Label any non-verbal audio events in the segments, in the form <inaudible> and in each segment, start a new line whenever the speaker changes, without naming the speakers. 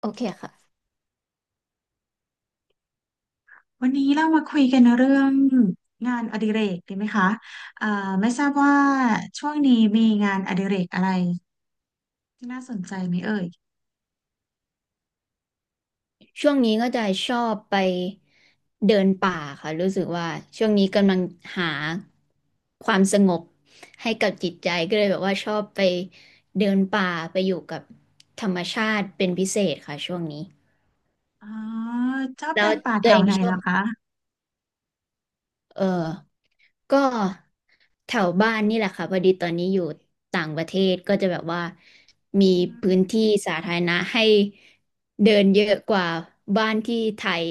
โอเคค่ะ
วันนี้เรามาคุยกันเรื่องงานอดิเรกดีไหมคะเอ่อไม่ทราบว่าช่วงนี้มีงานอดิเรกอะไรที่น่าสนใจไหมเอ่ย
ช่วงนี้ก็จะชอบไปเดินป่าค่ะรู้สึกว่าช่วงนี้กำลังหาความสงบให้กับจิตใจก็เลยแบบว่าชอบไปเดินป่าไปอยู่กับธรรมชาติเป็นพิเศษค่ะช่วงนี้
อ๋อชอบ
แล้
เดิ
ว
นป่าแถ
ตัวเอ
ว
ง
ไหน
ช
เห
อ
ร
บ
อคะ
เออ ก็แถวบ้านนี่แหละค่ะพอดีตอนนี้อยู่ต่างประเทศก็จะแบบว่ามี
อื
พื้
ม
นที่สาธารณะให้เดินเยอะกว่าบ้านที่ไทย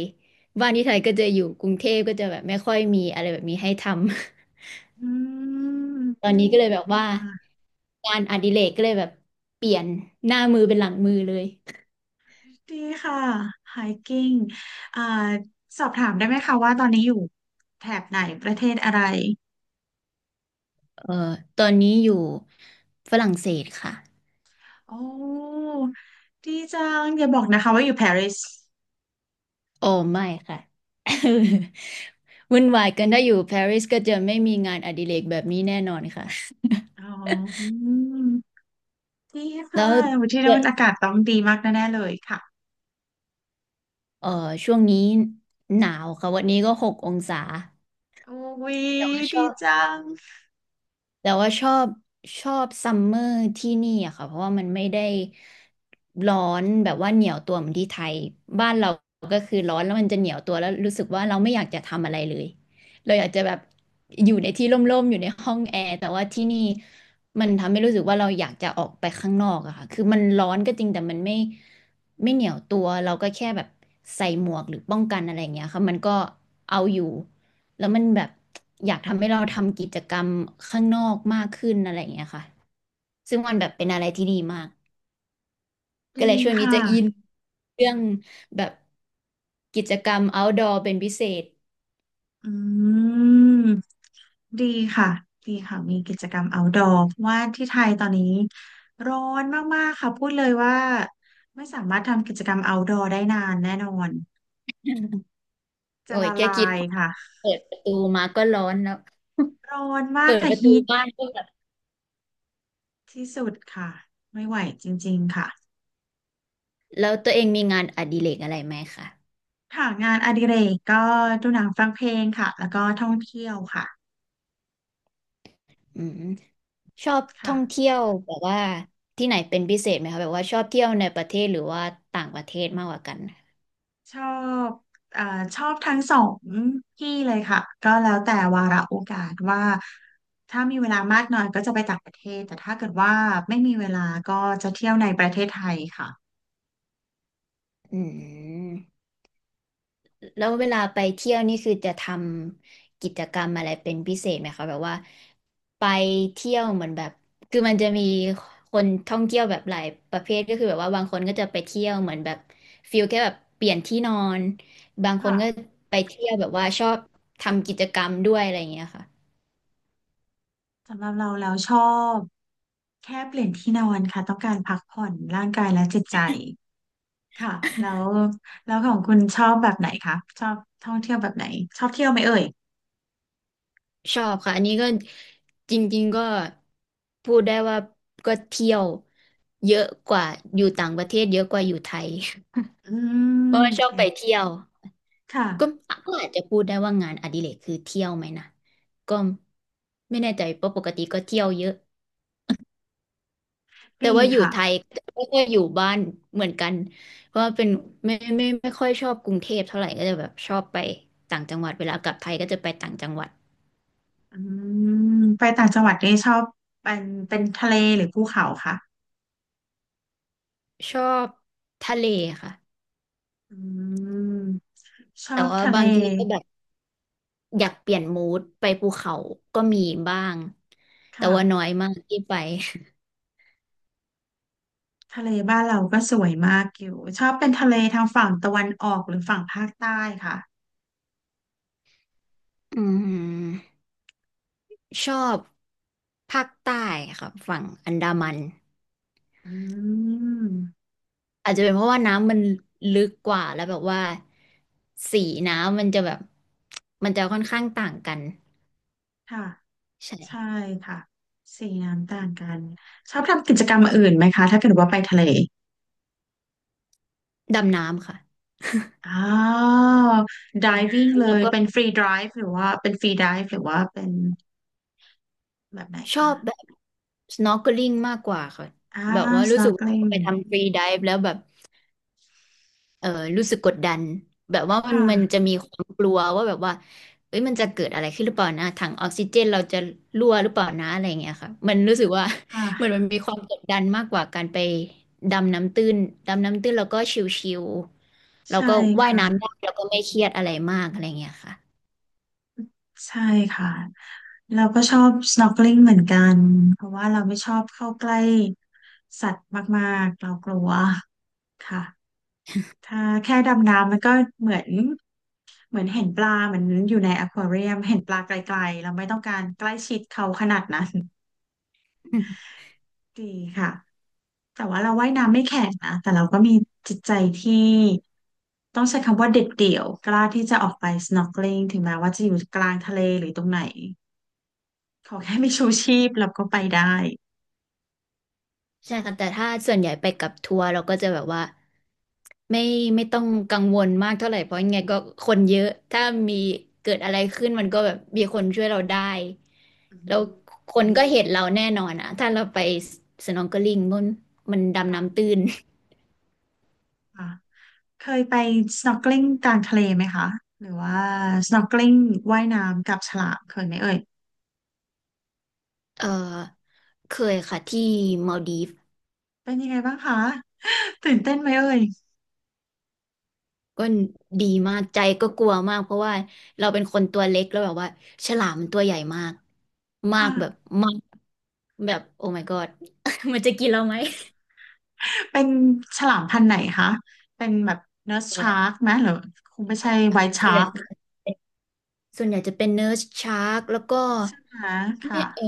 บ้านที่ไทยก็จะอยู่กรุงเทพก็จะแบบไม่ค่อยมีอะไรแบบนี้ให้ทำ
อื
<laughs> ตอ
ม
นนี้ก็เลยแบบว่า
อ่า
งานอดิเรกก็เลยแบบเปลี่ยนหน้ามือเป็นหลังมือเลย
ดีค่ะ hiking อ่าสอบถามได้ไหมคะว่าตอนนี้อยู่แถบไหนประเทศอะไร
เอ่อตอนนี้อยู่ฝรั่งเศสค่ะ
โอ้ดีจังอย่าบอกนะคะว่าอยู่ปารีส
โอ้ไม่ค่ะ <laughs> วุ่นวายกันถ้าอยู่ปารีสก็จะไม่มีงานอดิเรกแบบนี้แน่นอนค่ะ
อ๋อ ดี
<laughs> แล้
ค่ะ
ว
ที่นั่นอากาศต้องดีมากแน่ๆเลยค่ะ
เอ่อช่วงนี้หนาวค่ะวันนี้ก็หกองศา
โอ้ย
แต่ว่าช
ดี
อบ
จัง
แต่ว่าชอบชอบซัมเมอร์ที่นี่อะค่ะเพราะว่ามันไม่ได้ร้อนแบบว่าเหนียวตัวเหมือนที่ไทยบ้านเราก็คือร้อนแล้วมันจะเหนียวตัวแล้วรู้สึกว่าเราไม่อยากจะทำอะไรเลยเราอยากจะแบบอยู่ในที่ร่มๆอยู่ในห้องแอร์แต่ว่าที่นี่มันทำให้รู้สึกว่าเราอยากจะออกไปข้างนอกอะค่ะคือมันร้อนก็จริงแต่มันไม่ ไม่เหนียวตัวเราก็แค่แบบใส่หมวกหรือป้องกันอะไรอย่างเงี้ยค่ะมันก็เอาอยู่แล้วมันแบบอยากทำให้เราทำกิจกรรมข้างนอกมากขึ้นอะไรอย่างเงี้ยค่ะซึ่งมันแบบเป็นอะไรที่ดีมากก็
ดี
เลยช่วงนี้
ค่ะ
จะอินเรื่องแบบกิจกรรม outdoor เป็นพิเศษ
อืม ดีค่ะ ดีค่ะ มีกิจกรรม outdoor เพราะว่าที่ไทยตอนนี้ร้อนมากๆค่ะพูดเลยว่าไม่สามารถทำกิจกรรม outdoor ได้นานแน่นอน
<laughs>
จะ
โอ้ย
ละ
แค่
ลา
คิด
ย
พอ
ค่ะ
เปิดประตูมาก็ร้อนแล้ว
ร้อนมาก
เปิด
ค่ะ
ประตู
ฮีท
บ้านก็แบบ
ที่สุดค่ะ ไม่ไหวจริงๆค่ะ
แล้วตัวเองมีงานอดิเรกอะไรไหมคะ
ค่ะงานอดิเรกก็ดูหนังฟังเพลงค่ะแล้วก็ท่องเที่ยวค่ะ
อืมชอบท่อง
ค่ะ
เที่ยวแบบว่าที่ไหนเป็นพิเศษไหมคะแบบว่าชอบเที่ยวในประเทศหรือว่าต่างประเทศมากกว่ากัน
ชอบเอ่อชอบทั้งสองที่เลยค่ะ ก็แล้วแต่วาระโอกาสว่าถ้ามีเวลามากหน่อยก็จะไปต่างประเทศแต่ถ้าเกิดว่าไม่มีเวลาก็จะเที่ยวในประเทศไทยค่ะ
อืมแล้วเวลาไปเที่ยวนี่คือจะทำกิจกรรมอะไรเป็นพิเศษไหมคะแบบว่าไปเที่ยวเหมือนแบบคือมันจะมีคนท่องเที่ยวแบบหลายประเภทก็คือแบบว่าบางคนก็จะไปเที่ยวเหมือนแบบฟิลแค่แบบเปลี่ยนที่นอนบางคนก็
ค่ะ
ไปเที่ยวแบบว่าชอบทำกิจกรรมด้วยอะไรอย่างเงี้ยค่ะ
สำหรับเราแล้วชอบแค่เปลี่ยนที่นอนค่ะต้องการพักผ่อนร่างกายและจิตใจค่ะแล้วแล้วของคุณชอบแบบไหนคะชอบท่องเที่ยวแบบไหนชอบเที่ยวไหมเอ่ย
ชอบค่ะอันนี้ก็จริงๆก็พูดได้ว่าก็เที่ยวเยอะกว่าอยู่ต่างประเทศเยอะกว่าอยู่ไทย
อื
<laughs> เพราะว่าชอบไป
ม
เที่ยว
ค่ะ
ก็ก็อาจจะพูดได้ว่างานอดิเรกคือเที่ยวไหมนะก็ไม่แน่ใจเพราะปกติก็เที่ยวเยอะแต่
ดี
ว่าอยู่
ค่ะ
ไทยก็ค่อยอยู่บ้านเหมือนกันเพราะว่าเป็นไม่ค่อยชอบกรุงเทพเท่าไหร่ก็จะแบบชอบไปต่างจังหวัดเวลากลับไทยก็จะไปต่างจังหวัด
อืมไปต่างจังหวัดนี่ชอบเป็นเป็นทะเลหรือภูเขาคะ
ชอบทะเลค่ะ
อืมชอ
แต่
บ
ว่า
ทะเล
บางทีก็แบบ อยากเปลี่ยนมูดไปภูเขาก็มีบ้าง
ค
แต่ว่าน้อย
่ะ
มากที่ไป
ทะเลบ้านเราก็สวยมากอยู่ชอบเป็นทะเลทางฝั่งตะวันออกหรือฝั่งภาคใต้ค่ะ
อืมชอบภาคใต้ครับฝั่งอันดามัน
อืม
อาจจะเป็นเพราะว่าน้ำมันลึกกว่าแล้วแบบว่าสีน้ำมันจะแบบมันจะค่อนข้างต่างกัน
ค่ะใช่
ใช่
ค่ะสีน้ำต่างกันชอบทำกิจกรรมอื่นไหมคะถ้าเกิดว่าไปทะเล
ดำน้ำค่ะ
อ๋อ diving เล
แล้ว
ย
ก็
เป็น free dive หรือว่าเป็น free dive หรือว่าเป็นแบบไหน
ชอ
คะ
บแบบ snorkeling มากกว่าค่ะ
อ่า
แบบว่ารู้สึกว่าพอ
snorkeling
ไปทำฟรีไดฟ์แล้วแบบ เออรู้สึกกดดันแบบว่า
ค
มันจะ
่ะ
มีความกลัวว่าแบบว่าเอ้ยมันจะเกิดอะไรขึ้นหรือเปล่านะถังออกซิเจนเราจะรั่วหรือเปล่านะอะไรอย่างเงี้ยค่ะมันรู้สึกว่า <laughs> เหมือน
ค่ะ
มันมีความกดดันมากกว่าการไปดำน้ำตื้นดำน้ำตื้นแล้วก็ชิวๆแล้ว
ใช่
ก็ว่ายน้ำได้
ค่ะ
แล้วก็ไม่เครียดอะไรมากอะไรอย่างเงี้ยค่ะ
ใช่ค่ะ เราก็ชอบ snorkeling เหมือนกัน เพราะว่าเราไม่ชอบเข้าใกล้สัตว์มากๆ เรากลัวค่ะถ้าแค่ดำน้ำมันก็เหมือนเหมือนเห็นปลาเหมือนอยู่ในอควาเรียมเห็นปลาไกลๆ เราไม่ต้องการใกล้ชิดเขาขนาดนั้นดีค่ะ แต่ว่าเราว่ายน้ำไม่แข็งนะ แต่เราก็มีจิตใจที่ต้องใช้คำว่าเด็ดเดี่ยวกล้าที่จะออกไป snorkeling ถึงแม้ว่าจะอยู่กลางทะเลหรือตรงไหน ขอแค่มีชูชีพเราก็ไปได้
ใช่ค่ะแต่ถ้าส่วนใหญ่ไปกับทัวร์เราก็จะแบบว่าไม่ไม่ต้องกังวลมากเท่าไหร่เพราะยังไงก็คนเยอะถ้ามีเกิดอะไรขึ้นมันก็แบบมีคนช่วยเราได้
อื
แล้ว
ม
คนก็เห็นเราแน่นอนอะถ้าเราไปสนองเกอลิงมันดำน้ำ
ค่ะ
ตื้น
ค่ะเคยไป snorkeling กลางทะเลไหมคะหรือว่า snorkeling ว่ายน้ำกับฉลามเคยไหมเอ่ย
เออเคยค่ะที่มาลดีฟ
เป็นยังไงบ้างคะ <laughs> ตื่นเต้นไหมเอ่ย
ก็ดีมากใจก็กลัวมากเพราะว่าเราเป็นคนตัวเล็กแล้วแบบว่าฉลามมันตัวใหญ่มากมากแบบ
ค่ะ
มากแบบโอ้ my god <laughs> มันจะกินเราไหม
เป็นฉลามพันธุ์ไหนคะเป็นแบบเน r ร์ s
เอ
ชา
อ
ร์กไหมหรือคงไม่ใช่
ค่ะ
ไวท์
ส่
ชา
วนใหญ่
ร์ก
ส่วนใหญ่จะเป็นเนิร์สชาร์กแล้วก็
ใช่ไหม
ไม่
ค่ะ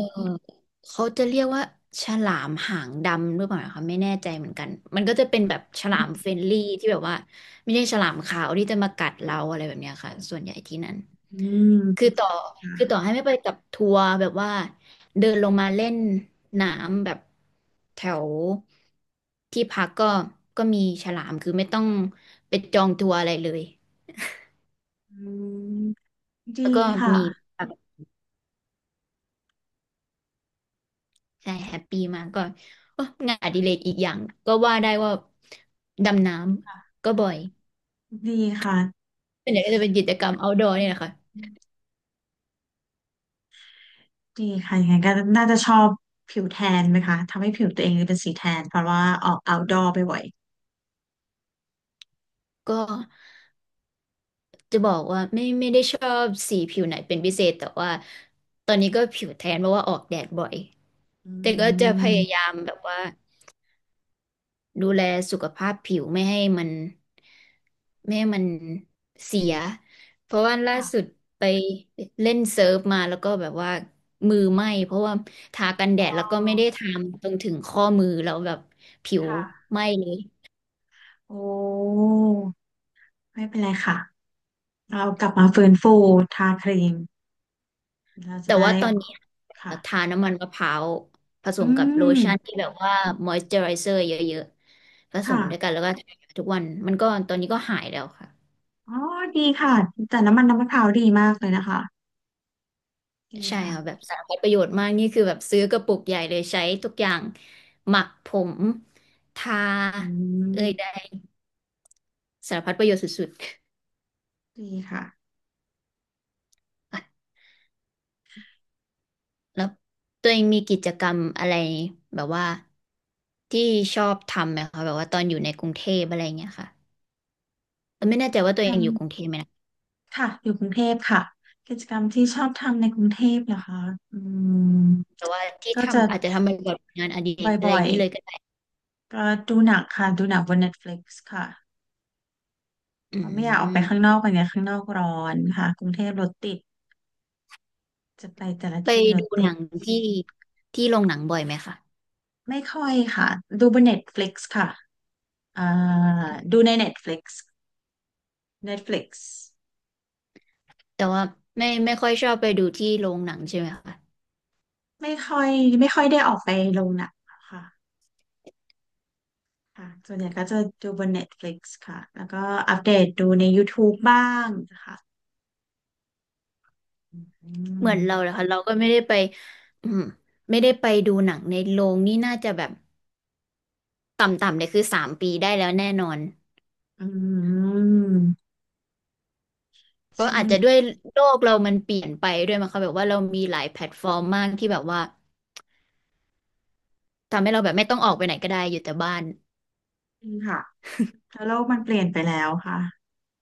เขาจะเรียกว่าฉลามหางดำหรือเปล่าคะไม่แน่ใจเหมือนกันมันก็จะเป็นแบบฉ
อื
ลาม
ม
เฟรนลี่ที่แบบว่าไม่ใช่ฉลามขาวที่จะมากัดเราอะไรแบบเนี้ยค่ะส่วนใหญ่ที่นั่นคือต่อคือ
ค่ะ
ต่อให้ไม่ไปกับทัวร์แบบว่าเดินลงมาเล่นน้ำแบบแถวที่พักก็มีฉลามคือไม่ต้องไปจองทัวร์อะไรเลย
อืมดี
แล้วก็
ค่ะ
มี ใช่แฮปปี้มากก็โอ้งานอดิเรกอีกอย่างก็ว่าได้ว่าดำน้ำก็บ่อย
ดีค่ะ
เป็นใหญ่างก็จะเป็นกิจกรรม outdoor เนี่ยแหละค่ะ
ดีค่ะ ยังไงก็น่าจะชอบผิวแทนไหมคะ ทำให้ผิวตัวเองเป็นสีแทนเพราะว่าออก outdoor ไปบ่อย
ก็จะบอกว่าไม่ได้ชอบสีผิวไหนเป็นพิเศษแต่ว่าตอนนี้ก็ผิวแทนเพราะว่าออกแดดบ่อย
ๆอื
แต่ก็จะพยายา
ม
มแบบว่า ดูแลสุขภาพผิวไม่ให้มันเสียเพราะว่าล่าสุด
ค่ะ
ไปเล่นเซิร์ฟมาแล้วก็แบบว่ามือไหม้เพราะว่าทากันแด
อ๋อ
ดแล้วก็ไม่ได้ทาตรงถึงข้อมือแล้วแบบผิว
ค่ะ
ไหม้เลย
โอ้ ไม่เป็นไรค่ะเรากลับมาฟื้นฟูทาครีมเราจะ
แต่
ได้
ว่าตอนนี้
ค่ะ
ทาน้ำมันมะพร้าวผส
อื
มกับโล
ม
ชั่นที่แบบว่าม o อยเจอไรเซอร์เยอะๆผส
ค่ะ
มด้วยกันแล้วก็ทาทุกวันมันก็ตอนนี้ก็หายแล้วค่ะ
อ๋อ ดีค่ะ แต่น้ำมันน้ำมะพร้าวดีมากเลยนะคะ ดี
ใช่
ค่ะ
ค่ะแบบสารพัดประโยชน์มากนี่คือแบบซื้อกระปุกใหญ่เลยใช้ทุกอย่างหมักผมทา
อื
เอ่ยใด
ม
สารพัดประโยชน์สุด
ดีค่ะ
ๆอ่ะแล้วตัวเองมีกิจกรรมอะไรแบบว่าที่ชอบทำไหมคะแบบว่าตอนอยู่ในกรุงเทพอะไรอย่างเงี้ยค่ะไม่แน่ใจว่าตัวเองอยู่กรุงเทพไหมนะ
ค่ะอยู่กรุงเทพค่ะกิจกรรมที่ชอบทำในกรุงเทพเหรอคะอืม
แต่ว่าที่
ก็จะ
ทำอาจจะทำเป็นแบบงานอดิเรกอะไร
บ่
อ
อ
ย่าง
ย
นี้เลยก็ได้
ๆก็ดูหนังค่ะดูหนังบนเน็ตฟลิก i ์ค่ะ
อื
เพราะไม่อยากออกไป
ม
ข้างนอกไปไงข้างนอกร้อนค่ะกรุงเทพรถติดจะไปแต่ละ
ไป
ที่รถ
ดู
ติ
หนั
ด
งที่ที่โรงหนังบ่อยไหมคะ
ไม่ค่อยค่ะดูบนเน็ต e t ิก i ์ค่ะอ่าดูในเน็ตฟลิก t f เ i ็ n ฟลิ l i ์
แต่ว่าไม่ค่อยชอบไปดูที่โรงหนังใช่ไหมคะ
ไม่ค่อยไม่ค่อยได้ออกไปลงหนังค่ะค่ะส่วนใหญ่ก็จะดูบนเน็ต e t ิก i ์ค่ะแล้วก็อัปเดตดูในย o ทูบ e บ้างนะคะ อื
เหมือนเรา
ม
เลยค่ะเราก็ไม่ได้ไป <clears throat> อืมไม่ได้ไปดูหนังในโรงนี่น่าจะแบบต่ำๆเลยคือ3 ปีได้แล้วแน่นอน
อืม
ก็
ช่วง
อาจจะ
นี้
ด้วยโลกเรามันเปลี่ยนไปด้วยมั้งคะแบบว่าเรามีหลายแพลตฟอร์มมากที่แบบว่าทำให้เราแบบไม่ต้องออกไปไหนก็ได้อยู่แต่บ้าน
ค่ะเพราโลกมันเปลี่ยนไปแล้วค่ะ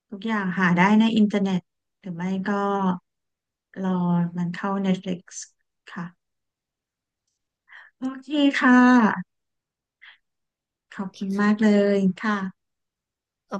ทุกอย่างหาได้ในอินเทอร์เน็ตหรือไม่ก็รอมันเข้า Netflix ค่ะโอเคค่ะข
โอ
อบ
เค
คุณมากเล
ค่ะ
ยค่ะ